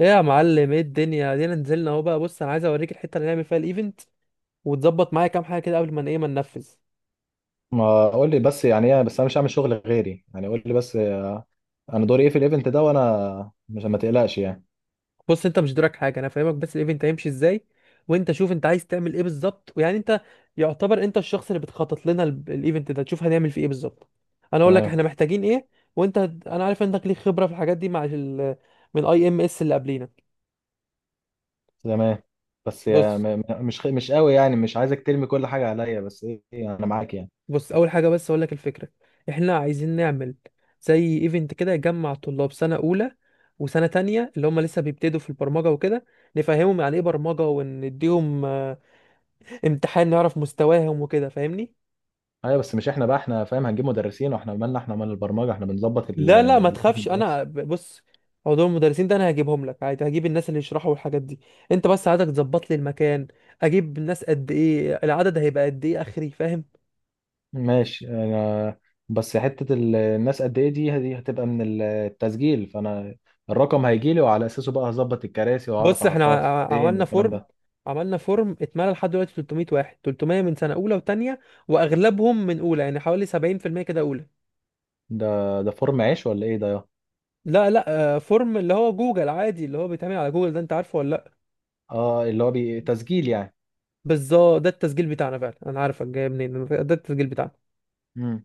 ايه يا معلم، ايه الدنيا دينا نزلنا اهو. بقى بص انا عايز اوريك الحته اللي نعمل فيها الايفنت وتظبط معايا كام حاجه كده قبل ما ما ننفذ. ما قول لي بس. يعني ايه؟ بس انا مش هعمل شغل غيري، يعني قول لي بس. انا دوري ايه في الايفنت ده؟ وانا مش، ما تقلقش يعني. بص انت مش دورك حاجه، انا فاهمك، بس الايفنت هيمشي ازاي، وانت شوف انت عايز تعمل ايه بالظبط، ويعني انت يعتبر انت الشخص اللي بتخطط لنا الايفنت ده، تشوف هنعمل فيه ايه بالظبط. انا اقول لك تمام. احنا محتاجين ايه. انا عارف انك ليك خبره في الحاجات دي مع ال... من اي ام اس اللي قبلينا. تمام، بس يعني بص مش قوي، يعني مش عايزك ترمي كل حاجه عليا، بس ايه إيه، انا معاك يعني. بص، اول حاجه بس اقول لك الفكره. احنا عايزين نعمل زي ايفنت كده يجمع طلاب سنه اولى وسنه تانية اللي هم لسه بيبتدوا في البرمجه وكده، نفهمهم يعني ايه برمجه ونديهم امتحان نعرف مستواهم وكده، فاهمني؟ ايوه بس مش احنا بقى، احنا فاهم، هنجيب مدرسين؟ واحنا مالنا؟ احنا مال البرمجه؟ احنا بنظبط لا لا، ما تخافش، الايفنت بس. بص، موضوع المدرسين ده انا هجيبهم لك عادي، هجيب الناس اللي يشرحوا الحاجات دي. انت بس عايزك تظبط لي المكان، اجيب الناس قد ايه، العدد هيبقى قد ايه اخري، فاهم؟ ماشي انا، بس حته الناس قد ايه دي هتبقى من التسجيل، فانا الرقم هيجي لي وعلى اساسه بقى هظبط الكراسي واعرف بص احنا احطها فين عملنا والكلام فورم ده. عملنا فورم اتملى لحد دلوقتي 300 واحد، 300 من سنة أولى وتانية، وأغلبهم من أولى يعني حوالي 70% كده أولى. ده ده فورم عيش ولا ايه ده يا؟ لا لا. فورم اللي هو جوجل عادي، اللي هو بيتعمل على جوجل ده، أنت عارفه ولا لأ؟ اه اللي هو تسجيل يعني. بالظبط، ده التسجيل بتاعنا فعلا، أنا عارفك جاي منين، ده التسجيل بتاعنا. امم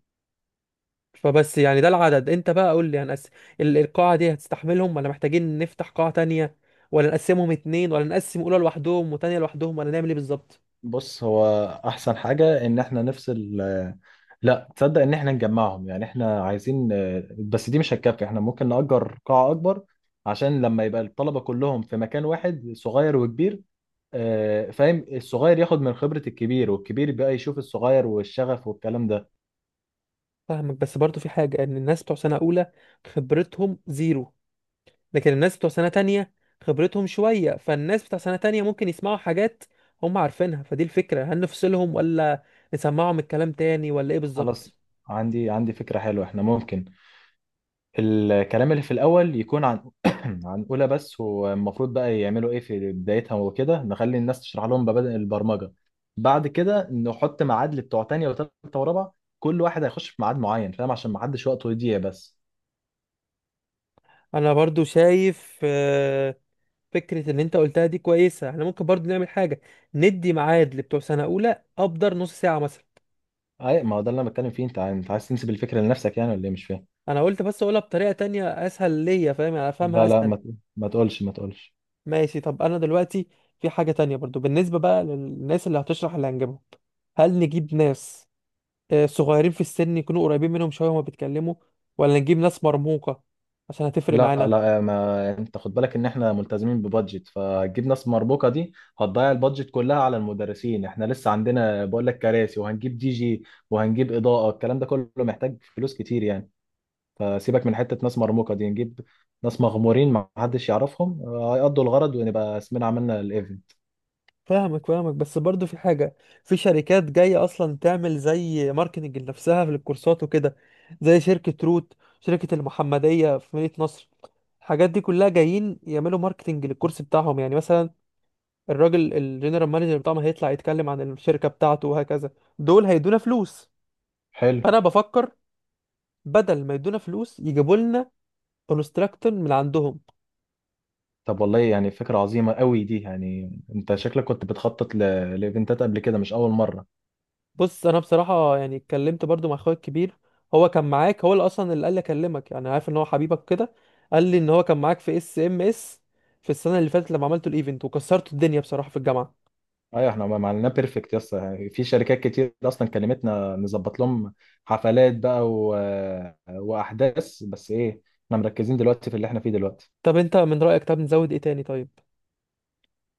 فبس يعني ده العدد، أنت بقى قول لي هنقسم، القاعة دي هتستحملهم ولا محتاجين نفتح قاعة تانية، ولا نقسمهم اتنين، ولا نقسم أولى لوحدهم وتانية لوحدهم، ولا نعمل إيه بالظبط؟ بص، هو احسن حاجة ان احنا نفصل. لا تصدق ان احنا نجمعهم، يعني احنا عايزين، بس دي مش هتكفي، احنا ممكن نأجر قاعة اكبر عشان لما يبقى الطلبة كلهم في مكان واحد، صغير وكبير، فاهم؟ الصغير ياخد من خبرة الكبير، والكبير بقى يشوف الصغير والشغف والكلام ده. فاهمك، بس برضو في حاجة، ان الناس بتوع سنة اولى خبرتهم زيرو، لكن الناس بتوع سنة تانية خبرتهم شوية، فالناس بتوع سنة تانية ممكن يسمعوا حاجات هم عارفينها، فدي الفكرة، هل نفصلهم ولا نسمعهم الكلام تاني، ولا ايه خلاص، بالظبط؟ عندي فكرة حلوة. احنا ممكن الكلام اللي في الأول يكون عن عن أولى بس، والمفروض بقى يعملوا إيه في بدايتها وكده، نخلي الناس تشرح لهم مبادئ البرمجة. بعد كده نحط ميعاد لبتوع تانية وتالتة ورابعة، كل واحد هيخش في ميعاد معين، فاهم؟ عشان ما حدش وقته يضيع بس. انا برضو شايف فكرة اللي انت قلتها دي كويسة، احنا ممكن برضو نعمل حاجة، ندي ميعاد لبتوع سنة اولى ابدر نص ساعة مثلا. أي ما هو ده اللي أنا بتكلم فيه، أنت عايز تنسب الفكرة لنفسك يعني، ولا إيه؟ مش فاهم. انا قلت بس اقولها بطريقة تانية اسهل ليا، فاهم؟ يعني افهمها لا لا، اسهل. ما تقولش. ماشي. طب انا دلوقتي في حاجة تانية برضو بالنسبة بقى للناس اللي هتشرح اللي هنجيبهم، هل نجيب ناس صغيرين في السن يكونوا قريبين منهم شوية وما بيتكلموا، ولا نجيب ناس مرموقة عشان هتفرق لا معانا؟ لا، ما انت خد بالك ان احنا ملتزمين ببادجت، فهتجيب ناس مربوكه دي هتضيع البادجت كلها على المدرسين. احنا لسه عندنا، بقول لك، كراسي وهنجيب دي جي وهنجيب اضاءه. الكلام ده كله محتاج فلوس كتير يعني. فسيبك من حته ناس مرموقه دي، نجيب ناس مغمورين ما حدش يعرفهم، هيقضوا الغرض، ونبقى اسمنا عملنا الايفنت. فاهمك فاهمك، بس برضو في حاجة، في شركات جاية أصلا تعمل زي ماركتنج لنفسها في الكورسات وكده، زي شركة روت، شركة المحمدية في مدينة نصر، الحاجات دي كلها جايين يعملوا ماركتنج للكورس بتاعهم، يعني مثلا الراجل الجنرال مانجر بتاعهم هيطلع يتكلم عن الشركة بتاعته وهكذا. دول هيدونا فلوس، حلو. فانا بفكر بدل ما يدونا فلوس يجيبوا لنا كونستراكتور من عندهم. طب والله يعني فكره عظيمه قوي دي. يعني انت شكلك كنت بتخطط لايفنتات قبل كده، مش اول مره. بص، انا بصراحة يعني اتكلمت برضو مع اخويا الكبير، هو كان معاك، هو اللي اصلا اللي قال لي اكلمك، يعني عارف ان هو حبيبك كده. قال لي ان هو كان معاك في اس ام اس في السنة اللي فاتت لما عملتوا الايفنت وكسرتوا الدنيا بصراحة في الجامعة. ايوه، احنا ما عملناه بيرفكت. يس. في شركات كتير اصلا كلمتنا نظبط لهم حفلات بقى واحداث، بس ايه، احنا مركزين دلوقتي في اللي احنا فيه دلوقتي. طب انت من رأيك، طب نزود ايه تاني؟ طيب،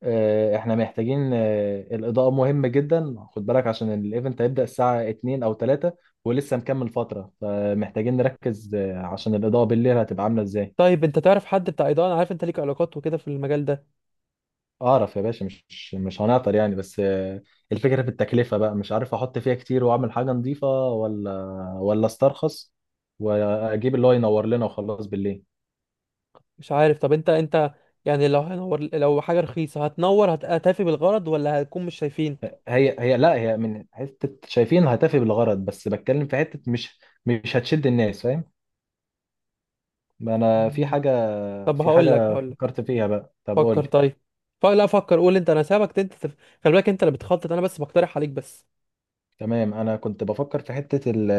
اه، احنا محتاجين، الاضاءة مهمة جدا. خد بالك عشان الايفنت هيبدأ الساعة 2 او 3 ولسه مكمل فترة، فمحتاجين نركز، عشان الاضاءة بالليل هتبقى عاملة ازاي. طيب انت تعرف حد بتاع اضاءة؟ انا عارف انت ليك علاقات وكده في المجال ده. اعرف يا باشا، مش هنعطل يعني، بس الفكره في التكلفه بقى. مش عارف احط فيها كتير واعمل حاجه نظيفه، ولا ولا استرخص واجيب اللي هو ينور لنا وخلاص بالليل. مش عارف، طب انت انت يعني لو هنور، لو حاجة رخيصة هتنور، هتفي بالغرض ولا هتكون مش شايفين؟ هي لا، هي من حته شايفين هتفي بالغرض، بس بتكلم في حته مش هتشد الناس، فاهم؟ ما انا في مم. حاجه، طب في حاجه هقول لك، فكرت فيها بقى. طب فكر قول. طيب. لا فكر قول انت، انا سابك انت خلي بالك انت اللي بتخطط، انا بس بقترح عليك بس. تمام، انا كنت بفكر في حتة ال،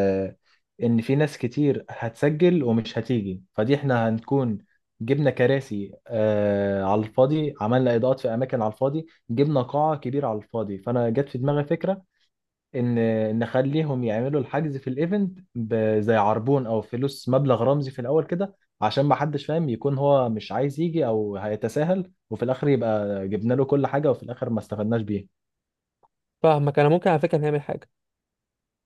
ان في ناس كتير هتسجل ومش هتيجي، فدي احنا هنكون جبنا كراسي على الفاضي، عملنا اضاءات في اماكن على الفاضي، جبنا قاعة كبيرة على الفاضي، فانا جت في دماغي فكرة ان نخليهم يعملوا الحجز في الايفنت زي عربون، او فلوس مبلغ رمزي في الاول كده، عشان ما حدش فاهم يكون هو مش عايز يجي، او هيتساهل، وفي الاخر يبقى جبنا له كل حاجة، وفي الاخر ما استفدناش بيه. فاهمك. انا ممكن على فكرة نعمل حاجة،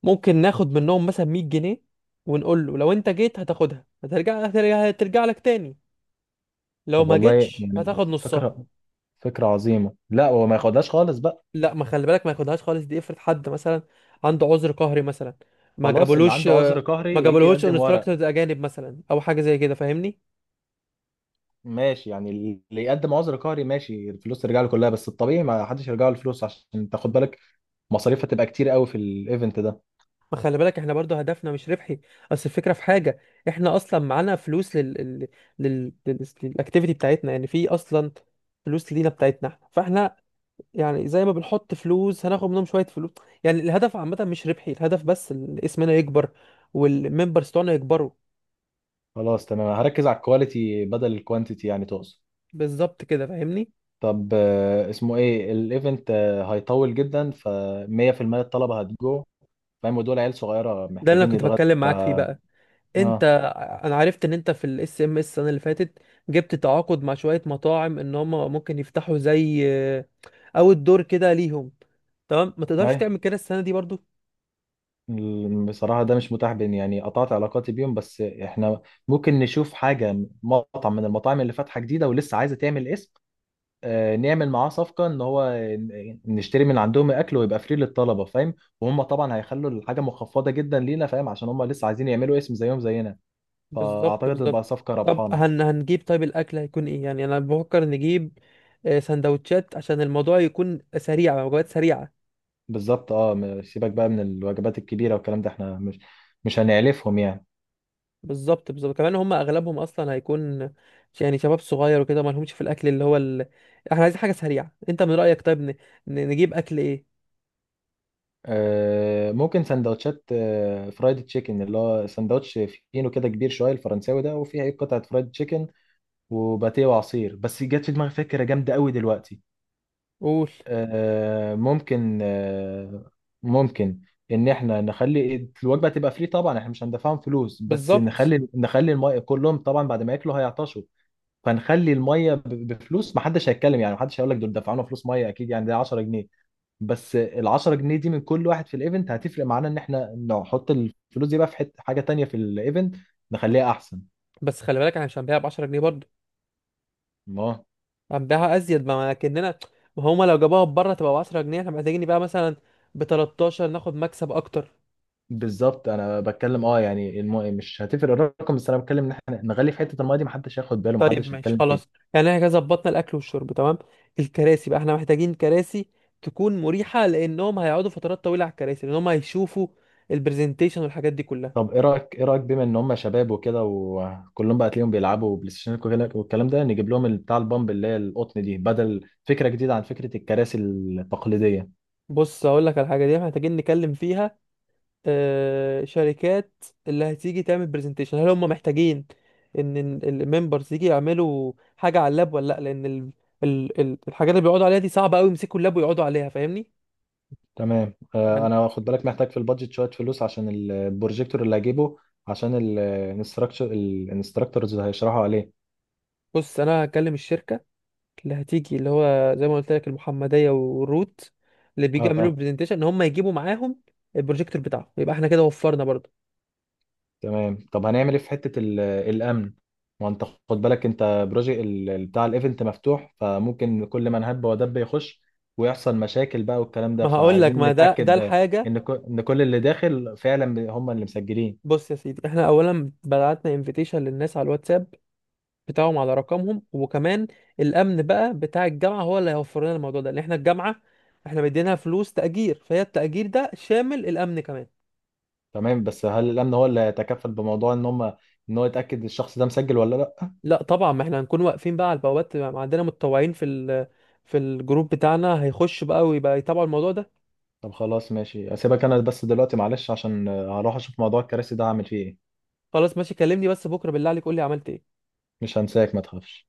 ممكن ناخد منهم مثلا 100 جنيه، ونقول له لو انت جيت هتاخدها، هترجع لك تاني، لو طب ما والله جيتش يعني هتاخد نصها. فكرة، فكرة عظيمة. لا هو ما ياخدهاش خالص بقى. لا، ما خلي بالك، ما ياخدهاش خالص دي، افرض حد مثلا عنده عذر قهري مثلا، ما خلاص، اللي جابولوش، عنده عذر ما قهري يجي جابولهوش يقدم ورق. انستراكتورز اجانب مثلا او حاجه زي كده، فاهمني؟ ماشي يعني، اللي يقدم عذر قهري ماشي الفلوس ترجع له كلها، بس الطبيعي ما حدش يرجع له الفلوس، عشان تاخد بالك مصاريف هتبقى كتير قوي في الايفنت ده. ما خلي بالك احنا برضو هدفنا مش ربحي، اصل الفكره في حاجه، احنا اصلا معانا فلوس للاكتيفيتي بتاعتنا يعني، في اصلا فلوس لينا بتاعتنا احنا، فاحنا يعني زي ما بنحط فلوس هناخد منهم شويه فلوس، يعني الهدف عامه مش ربحي، الهدف بس اسمنا يكبر، والممبرز بتوعنا يكبروا. خلاص تمام، هركز على الكواليتي بدل الكوانتيتي، يعني تقصد. بالظبط كده، فاهمني؟ طب اسمه ايه الايفنت؟ هيطول جدا، ف 100% الطلبة هتجو، فاهم؟ ودول عيال صغيرة ده اللي انا محتاجين كنت يتغدوا. بتكلم ف معاك فيه بقى. انت، اه. انا عرفت ان انت في الاس ام اس السنه اللي فاتت جبت تعاقد مع شويه مطاعم ان هم ممكن يفتحوا زي، او الدور كده ليهم، تمام؟ ما تقدرش أي. تعمل كده السنه دي برضو؟ بصراحة ده مش متاح بين، يعني قطعت علاقاتي بيهم، بس احنا ممكن نشوف حاجة، مطعم من المطاعم اللي فاتحة جديدة ولسه عايزة تعمل اسم، نعمل معاه صفقة ان هو نشتري من عندهم الاكل ويبقى فري للطلبة، فاهم؟ وهم طبعا هيخلوا الحاجة مخفضة جدا لينا، فاهم؟ عشان هم لسه عايزين يعملوا اسم زيهم زينا. بالظبط فاعتقد تبقى بالظبط. صفقة طب ربحانة. هنجيب، طيب الاكل هيكون ايه؟ يعني انا بفكر نجيب سندوتشات عشان الموضوع يكون سريع، وجبات سريعه. بالظبط. اه سيبك بقى من الوجبات الكبيرة والكلام ده، احنا مش هنعلفهم يعني. بالظبط بالظبط، كمان هم اغلبهم اصلا هيكون يعني شباب صغير وكده، ما لهمش في الاكل اللي هو ال... احنا عايزين حاجه سريعه. انت من رايك طيب نجيب اكل ايه؟ ممكن سندوتشات، فرايد تشيكن، اللي هو سندوتش فينو كده كبير شويه، الفرنساوي ده، وفيه ايه، قطعه فرايد تشيكن وباتيه وعصير. بس جت في دماغي فكره جامده قوي دلوقتي. قول. آه، ممكن آه، ممكن ان احنا نخلي الوجبه تبقى فري، طبعا احنا مش هندفعهم فلوس، بس بالظبط. نخلي الميه كلهم. طبعا بعد ما ياكلوا هيعطشوا، فنخلي الميه بفلوس، محدش هيتكلم يعني، محدش هيقول لك دول دفعونا فلوس ميه، اكيد يعني ده 10 جنيه، بس ال 10 جنيه دي من كل واحد في الايفنت هتفرق معانا، ان احنا نحط الفلوس دي بقى في حته حاجه تانية في الايفنت نخليها احسن. بس خلي بالك احنا مش هنبيعها ب 10 جنيه برضه، ما هنبيعها ازيد، ما كاننا، ما هما لو جابوها بره تبقى ب 10 جنيه، احنا محتاجين نبيعها مثلا ب 13 ناخد مكسب اكتر. بالظبط، انا بتكلم اه يعني مش هتفرق الرقم، بس انا بتكلم ان احنا نغلي في حته المايه دي، محدش هياخد باله، طيب محدش ماشي هيتكلم فيها. خلاص، يعني احنا كده ظبطنا الاكل والشرب، تمام. الكراسي بقى، احنا محتاجين كراسي تكون مريحه لانهم هيقعدوا فترات طويله على الكراسي، لان هم هيشوفوا البرزنتيشن والحاجات دي كلها. طب ايه رايك، ايه رايك بما ان هم شباب وكده، وكلهم بقى تلاقيهم بيلعبوا بلاي ستيشن والكلام ده، نجيب لهم بتاع البامب اللي هي القطن دي، بدل فكره جديده عن فكره الكراسي التقليديه. بص هقول لك على الحاجه دي، إحنا محتاجين نتكلم فيها. شركات اللي هتيجي تعمل برزنتيشن هل هم محتاجين ان الممبرز يجي يعملوا حاجه على اللاب ولا لا؟ لان ال... الحاجات اللي بيقعدوا عليها دي صعبه قوي يمسكوا اللاب ويقعدوا عليها، فاهمني؟ تمام يعني. انا خد بالك محتاج في البادجت شويه فلوس عشان البروجيكتور اللي هجيبه، عشان الانستراكتورز اللي هيشرحوا عليه. بص انا هكلم الشركه اللي هتيجي، اللي هو زي ما قلت لك المحمديه والروت، اللي بيجي اه يعملوا برزنتيشن ان هم يجيبوا معاهم البروجيكتور بتاعهم، يبقى احنا كده وفرنا برضه. تمام. طب هنعمل ايه في حته الامن؟ ما انت خد بالك انت بروجيكت بتاع الايفنت مفتوح، فممكن كل من هب ودب يخش ويحصل مشاكل بقى والكلام ده، ما هقول لك، فعايزين ما ده نتاكد الحاجه. ان كل اللي داخل فعلا هم اللي مسجلين. بص يا سيدي، احنا اولا بعتنا انفيتيشن للناس على الواتساب بتاعهم على رقمهم، وكمان الامن بقى بتاع الجامعه هو اللي هيوفر لنا الموضوع ده، لان احنا الجامعه احنا مدينها فلوس تاجير، فهي التاجير ده شامل الامن كمان. تمام، بس هل الامن هو اللي يتكفل بموضوع ان ان هو يتاكد الشخص ده مسجل ولا لا؟ لا طبعا، ما احنا هنكون واقفين بقى على البوابات، ما عندنا متطوعين في الجروب بتاعنا هيخش بقى ويبقى يتابعوا الموضوع ده. طب خلاص ماشي، اسيبك انا بس دلوقتي معلش، عشان هروح اشوف موضوع الكراسي ده هعمل فيه ايه. خلاص ماشي، كلمني بس بكره بالله عليك قول لي عملت ايه. مش هنساك، ما تخافش.